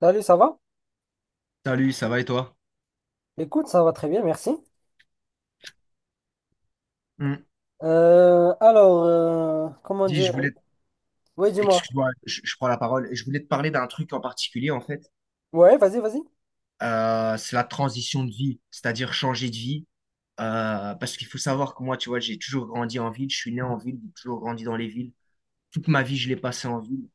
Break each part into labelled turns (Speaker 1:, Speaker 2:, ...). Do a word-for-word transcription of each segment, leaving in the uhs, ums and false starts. Speaker 1: Salut, ça va?
Speaker 2: Salut, ça va et toi?
Speaker 1: Écoute, ça va très bien, merci.
Speaker 2: Hmm.
Speaker 1: Euh, alors, euh, comment
Speaker 2: Dis,
Speaker 1: dire?
Speaker 2: je voulais,
Speaker 1: Oui, dis-moi.
Speaker 2: excuse-moi, je, je prends la parole. Je voulais te parler d'un truc en particulier, en fait.
Speaker 1: Ouais, vas-y, vas-y.
Speaker 2: Euh, c'est la transition de vie, c'est-à-dire changer de vie. Euh, parce qu'il faut savoir que moi, tu vois, j'ai toujours grandi en ville. Je suis né en ville, j'ai toujours grandi dans les villes. Toute ma vie, je l'ai passé en ville.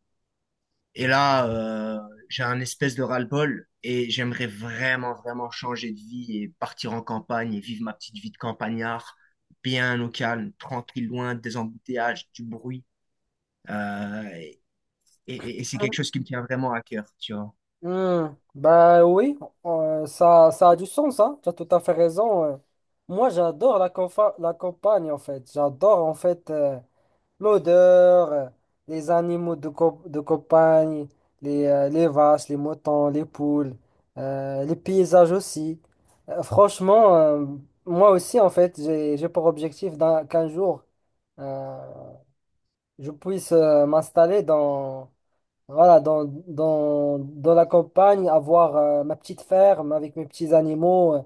Speaker 2: Et là, euh, j'ai un espèce de ras-le-bol et j'aimerais vraiment, vraiment changer de vie et partir en campagne et vivre ma petite vie de campagnard, bien au calme, tranquille, loin des embouteillages, du bruit. Euh, et, et- et c'est quelque chose qui me tient vraiment à cœur, tu vois.
Speaker 1: Hmm, Bah oui, euh, ça, ça a du sens, hein. Tu as tout à fait raison. euh. Moi, j'adore la, confa- la campagne, en fait. J'adore, en fait. euh, L'odeur, euh, les animaux de, co- de campagne, les, euh, les vaches, les moutons, les poules, euh, les paysages aussi. Euh, franchement, euh, moi aussi, en fait, j'ai, j'ai pour objectif d'un- qu'un jour, euh, je puisse euh, m'installer dans voilà, dans, dans, dans la campagne, avoir euh, ma petite ferme avec mes petits animaux, euh,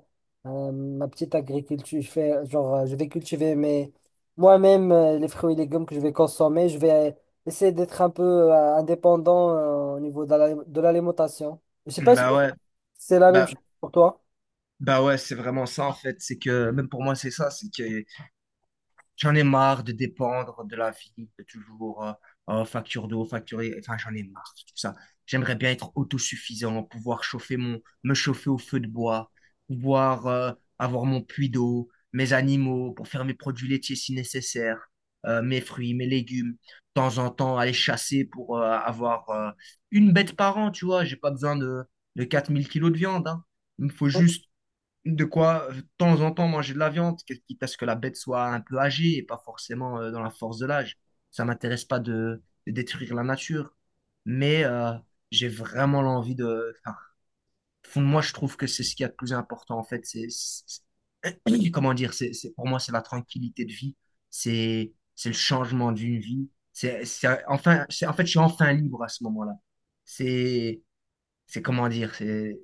Speaker 1: euh, ma petite agriculture. Je fais, genre, euh, je vais cultiver mes, moi-même euh, les fruits et légumes que je vais consommer. Je vais essayer d'être un peu euh, indépendant euh, au niveau de la- de l'alimentation. Je sais pas si
Speaker 2: Bah ouais,
Speaker 1: c'est la même
Speaker 2: bah,
Speaker 1: chose pour toi.
Speaker 2: bah ouais, c'est vraiment ça en fait. C'est que même pour moi, c'est ça. C'est que j'en ai marre de dépendre de la vie, de toujours euh, euh, facture d'eau, facturer, enfin j'en ai marre de tout ça. J'aimerais bien être autosuffisant, pouvoir chauffer mon, me chauffer au feu de bois, pouvoir euh, avoir mon puits d'eau, mes animaux, pour faire mes produits laitiers si nécessaire, euh, mes fruits, mes légumes. De temps en temps, aller chasser pour euh, avoir euh, une bête par an, tu vois. J'ai pas besoin de, de quatre mille kilos de viande, hein. Il me faut juste de quoi, euh, de temps en temps, manger de la viande, quest quitte à ce que la bête soit un peu âgée et pas forcément euh, dans la force de l'âge. Ça m'intéresse pas de, de détruire la nature, mais euh, j'ai vraiment l'envie de... Enfin, au fond de moi, je trouve que c'est ce qui est le plus important, en fait. C'est, c'est- comment dire, c'est, c'est, pour moi, c'est la tranquillité de vie, c'est, c'est le changement d'une vie. C'est, c'est, enfin, c'est, en fait, je suis enfin libre à ce moment-là. C'est, c'est comment dire, c'est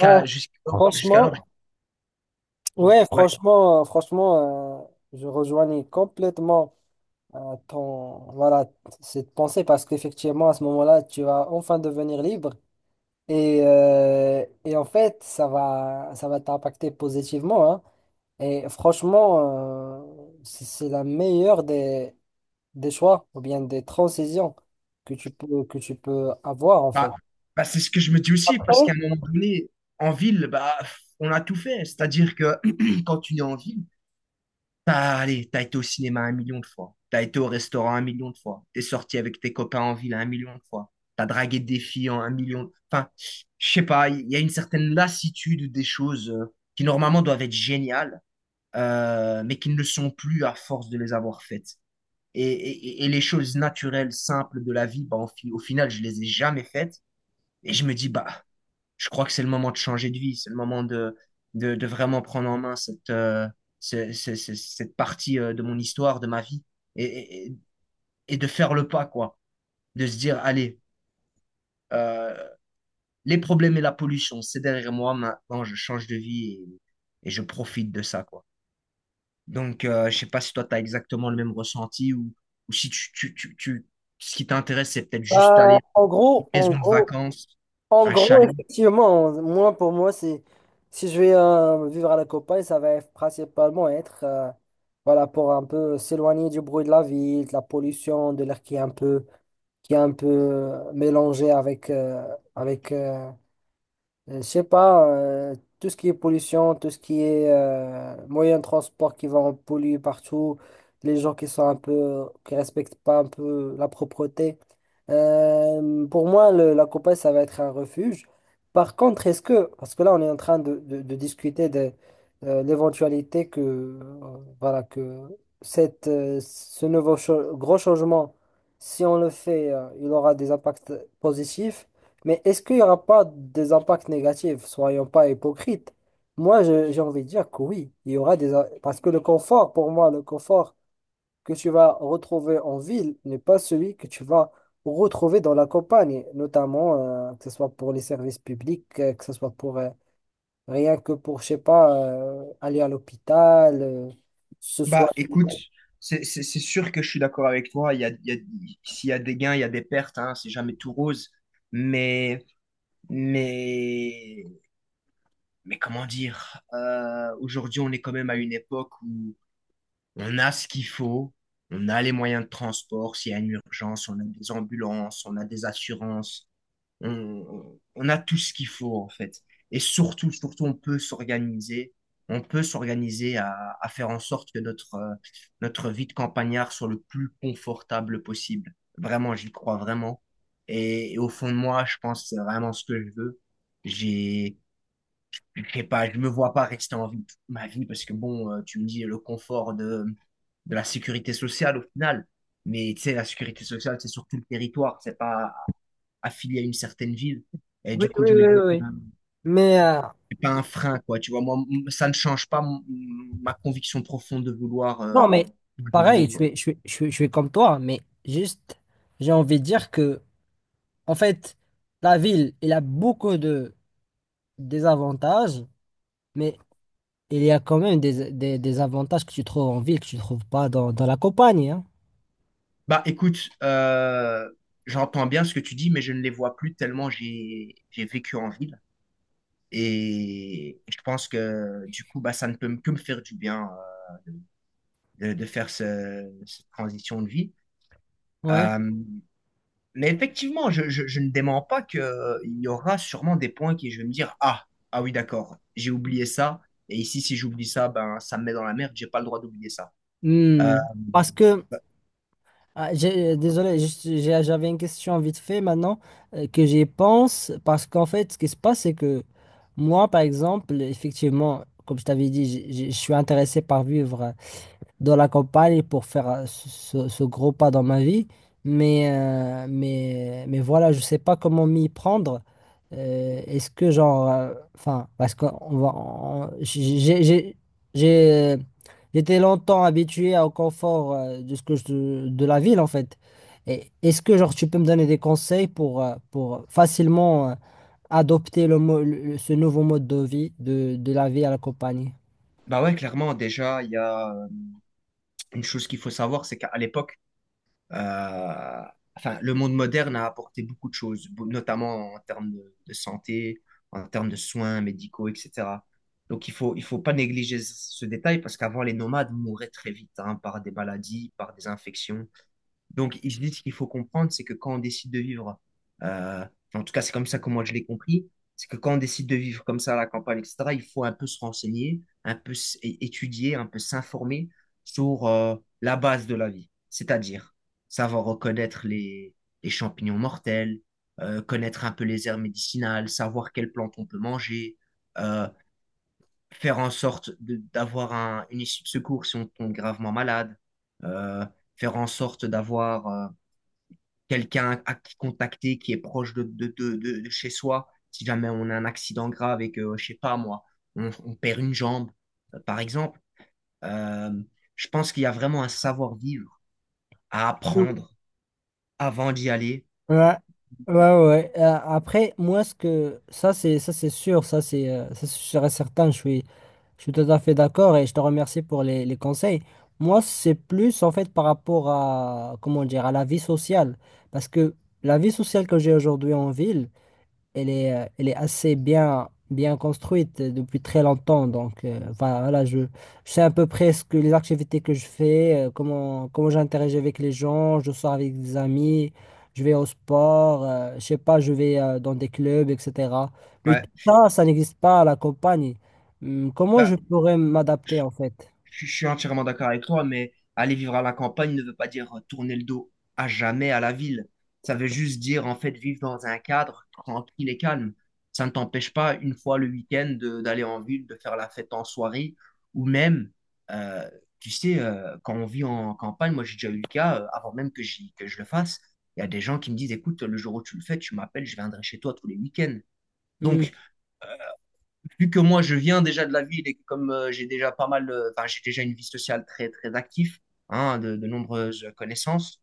Speaker 1: Ouais,
Speaker 2: jusqu'à,
Speaker 1: franchement,
Speaker 2: jusqu'alors, je dis-
Speaker 1: ouais,
Speaker 2: ouais.
Speaker 1: franchement, euh, franchement, euh, je rejoignais complètement euh, ton, voilà, cette pensée parce qu'effectivement, à ce moment-là, tu vas enfin devenir libre. Et, euh, et en fait, ça va, ça va t'impacter positivement, hein. Et franchement, euh, c'est c'est la meilleure des, des choix ou bien des transitions que tu peux, que tu peux avoir, en
Speaker 2: Bah,
Speaker 1: fait.
Speaker 2: bah, c'est ce que je me dis aussi, parce
Speaker 1: Après,
Speaker 2: qu'à un moment donné, en ville, bah, on a tout fait. C'est-à-dire que quand tu es en ville, t'as, allez, t'as été au cinéma un million de fois, t'as été au restaurant un million de fois, t'es sorti avec tes copains en ville un million de fois, t'as dragué des filles en un million. Enfin, je sais pas, il y a une certaine lassitude des choses euh, qui normalement doivent être géniales, euh, mais qui ne le sont plus à force de les avoir faites. Et, et- et les choses naturelles, simples de la vie, bah, au fi- au final, je les ai jamais faites. Et je me dis, bah, je crois que c'est le moment de changer de vie, c'est le moment de, de, de vraiment prendre en main cette, euh, ce- ce- ce- cette partie euh, de mon histoire, de ma vie, et, et- et- de faire le pas, quoi. De se dire, allez, euh, les problèmes et la pollution, c'est derrière moi, maintenant je change de vie et, et je profite de ça, quoi. Donc, euh, je sais pas si toi, tu as exactement le même ressenti ou, ou si tu, tu, tu, tu- ce qui t'intéresse, c'est peut-être juste
Speaker 1: euh,
Speaker 2: aller
Speaker 1: en
Speaker 2: dans une
Speaker 1: gros, en
Speaker 2: maison de
Speaker 1: gros,
Speaker 2: vacances,
Speaker 1: En
Speaker 2: un
Speaker 1: gros,
Speaker 2: chalet.
Speaker 1: effectivement, moi, pour moi, c'est, si je vais euh, vivre à la campagne, ça va être principalement être, euh, voilà, pour un peu s'éloigner du bruit de la ville, de la pollution, de l'air qui est un peu, qui est un peu euh, mélangé avec, euh, avec euh, euh, je sais pas, euh, tout ce qui est pollution, tout ce qui est euh, moyen de transport qui va en polluer partout, les gens qui sont un peu, qui respectent pas un peu la propreté. Euh, pour moi, le- la Copa, ça va être un refuge. Par contre, est-ce que, parce que là, on est en train de, de- de discuter de euh, l'éventualité que, euh, voilà, que cette, euh, ce nouveau cha- gros changement, si on le fait, euh, il aura des impacts positifs. Mais est-ce qu'il n'y aura pas des impacts négatifs? Soyons pas hypocrites. Moi, je- j'ai envie de dire que oui, il y aura des... im- Parce que le confort, pour moi, le confort que tu vas retrouver en ville n'est pas celui que tu vas retrouver dans la campagne, notamment euh, que ce soit pour les services publics, euh, que ce soit pour euh, rien que pour, je sais pas, euh, aller à l'hôpital, euh, se
Speaker 2: Bah,
Speaker 1: soigner.
Speaker 2: écoute, c'est c'est- c'est sûr que je suis d'accord avec toi. Il y a, il y a- s'il y a des gains, il y a des pertes, hein, c'est jamais tout rose. Mais, mais, mais comment dire, euh, aujourd'hui, on est quand même à une époque où on a ce qu'il faut, on a les moyens de transport, s'il y a une urgence, on a des ambulances, on a des assurances on, on a tout ce qu'il faut en fait. Et surtout, surtout, on peut s'organiser. On peut s'organiser à, à faire en sorte que notre, euh, notre vie de campagnard soit le plus confortable possible. Vraiment, j'y crois vraiment. Et, et au fond de moi, je pense que c'est vraiment ce que je veux. J'ai, je sais pas, je me vois pas rester en vie toute ma vie parce que bon, euh, tu me dis le confort de, de la sécurité sociale au final. Mais tu sais, la sécurité sociale, c'est sur tout le territoire. C'est pas affilié à une certaine ville. Et
Speaker 1: Oui,
Speaker 2: du coup,
Speaker 1: oui,
Speaker 2: je me
Speaker 1: oui, oui,
Speaker 2: dis,
Speaker 1: oui.
Speaker 2: ben,
Speaker 1: Mais euh,
Speaker 2: c'est pas un frein, quoi. Tu vois, moi, m- ça ne change pas mon- ma conviction profonde de vouloir euh,
Speaker 1: non, mais
Speaker 2: changer de
Speaker 1: pareil,
Speaker 2: vie,
Speaker 1: je
Speaker 2: quoi.
Speaker 1: suis, je suis, je suis- je suis comme toi, mais juste, j'ai envie de dire que en fait, la ville, elle a beaucoup de désavantages, mais il y a quand même des, des, des avantages que tu trouves en ville que tu ne trouves pas dans, dans la campagne, hein.
Speaker 2: Bah, écoute, euh, j'entends bien ce que tu dis, mais je ne les vois plus tellement j'ai j'ai vécu en ville. Et je pense que du coup, bah, ça ne peut que me faire du bien euh, de, de faire ce- cette transition de vie.
Speaker 1: Ouais.
Speaker 2: Euh, Mais effectivement, je, je- je ne dément pas qu'il y aura sûrement des points qui je vais me dire, ah, ah oui, d'accord, j'ai oublié ça. Et ici, si j'oublie ça, ben, ça me met dans la merde, j'ai pas le droit d'oublier ça. Euh,
Speaker 1: Hmm. Parce que, ah, j'ai- désolé, je j'ai- j'avais une question vite fait maintenant euh, que j'y pense. Parce qu'en fait, ce qui se passe, c'est que moi, par exemple, effectivement, comme je t'avais dit, j'ai- j'ai- je suis intéressé par vivre de la campagne pour faire euh, ce, ce- ce gros pas dans ma vie. Mais, euh, mais, mais voilà, je sais pas comment m'y prendre. Euh, est-ce que genre, euh, enfin, parce qu'on va, on- j'ai, j'ai, j'ai- j'ai- euh, j'étais longtemps habitué au confort euh, de ce que je- de la ville en fait. Et est-ce que genre tu peux me donner des conseils pour, euh, pour facilement euh, adopter le, mo- le- ce nouveau mode de vie de, de la vie à la campagne?
Speaker 2: Bah ouais, clairement, déjà, il y a euh, une chose qu'il faut savoir, c'est qu'à l'époque, euh, enfin, le monde moderne a apporté beaucoup de choses, bo- notamment en termes de, de santé, en termes de soins médicaux, et cetera. Donc, il faut, il faut pas négliger ce ce détail parce qu'avant, les nomades mouraient très vite, hein, par des maladies, par des infections. Donc, je dis ce qu'il faut comprendre, c'est que quand on décide de vivre, euh, en tout cas, c'est comme ça que moi je l'ai compris, c'est que quand on décide de vivre comme ça à la campagne, et cetera, il faut un peu se renseigner, un peu s- é- étudier, un peu s'informer sur euh, la base de la vie, c'est-à-dire savoir reconnaître les, les champignons mortels, euh, connaître un peu les herbes médicinales, savoir quelles plantes on peut manger, euh, faire en sorte de- d'avoir un- une issue de secours si on tombe gravement malade, euh, faire en sorte d'avoir... euh, quelqu'un à qui contacter qui est proche de, de, de, de, de chez soi. Si jamais on a un accident grave et que, euh, je sais pas moi, on, on perd une jambe, euh, par exemple, euh, je pense qu'il y a vraiment un savoir-vivre à apprendre avant d'y aller.
Speaker 1: Ouais, ouais, ouais, ouais. Euh, après, moi, ce que ça, c'est ça, c'est sûr, ça, c'est euh, ça, c'est sûr et certain. Je suis, je suis tout à fait d'accord et je te remercie pour les, les conseils. Moi, c'est plus en fait par rapport à comment dire à la vie sociale, parce que la vie sociale que j'ai aujourd'hui en ville elle est, euh, elle est assez bien, bien construite euh, depuis très longtemps. Donc, euh, enfin, voilà, je, je sais à peu près ce que les activités que je fais, euh, comment, comment j'interagis avec les gens, je sors avec des amis, je vais au sport, euh, je sais pas, je vais euh, dans des clubs, et cetera. Mais
Speaker 2: Ouais.
Speaker 1: tout ça, ça n'existe pas à la campagne. Hum, comment je
Speaker 2: Bah,
Speaker 1: pourrais m'adapter en fait?
Speaker 2: Je, je suis entièrement d'accord avec toi, mais aller vivre à la campagne ne veut pas dire euh, tourner le dos à jamais à la ville. Ça veut juste dire, en fait, vivre dans un cadre tranquille et calme. Ça ne t'empêche pas, une fois le week-end, de- d'aller en ville, de faire la fête en soirée, ou même, euh, tu sais, euh, quand on vit en campagne, moi j'ai déjà eu le cas, euh, avant même que, j'y- que je le fasse, il y a des gens qui me disent, écoute, le jour où tu le fais, tu m'appelles, je viendrai chez toi tous les week-ends.
Speaker 1: Hum.
Speaker 2: Donc, vu que moi je viens déjà de la ville et que comme euh, j'ai déjà pas mal, euh, enfin j'ai déjà une vie sociale très très active, hein, de, de nombreuses connaissances,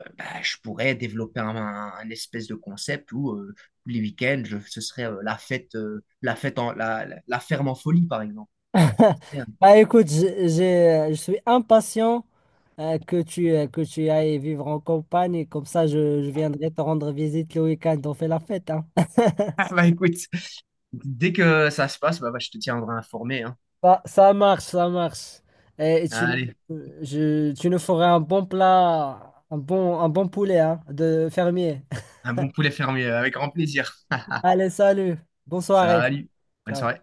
Speaker 2: euh, bah, je pourrais développer un, un- un espèce de concept où euh, tous les week-ends je- ce serait euh, la fête, euh, la fête en la, la- la ferme en folie par exemple. Bien.
Speaker 1: Bah écoute, j'ai- j'ai- je suis impatient euh, que tu, euh, que tu ailles vivre en campagne et comme ça je, je viendrai te rendre visite le week-end, on fait la fête, hein.
Speaker 2: Ah, bah écoute, dès que ça se passe, bah, bah, je te tiendrai informé, hein.
Speaker 1: Ça, ça marche, ça marche. Et, et tu,
Speaker 2: Allez,
Speaker 1: je, tu nous feras un bon plat, un bon, un bon poulet hein, de fermier.
Speaker 2: un bon poulet fermier avec grand plaisir.
Speaker 1: Allez, salut, bonne soirée.
Speaker 2: Salut, bonne
Speaker 1: Ciao.
Speaker 2: soirée.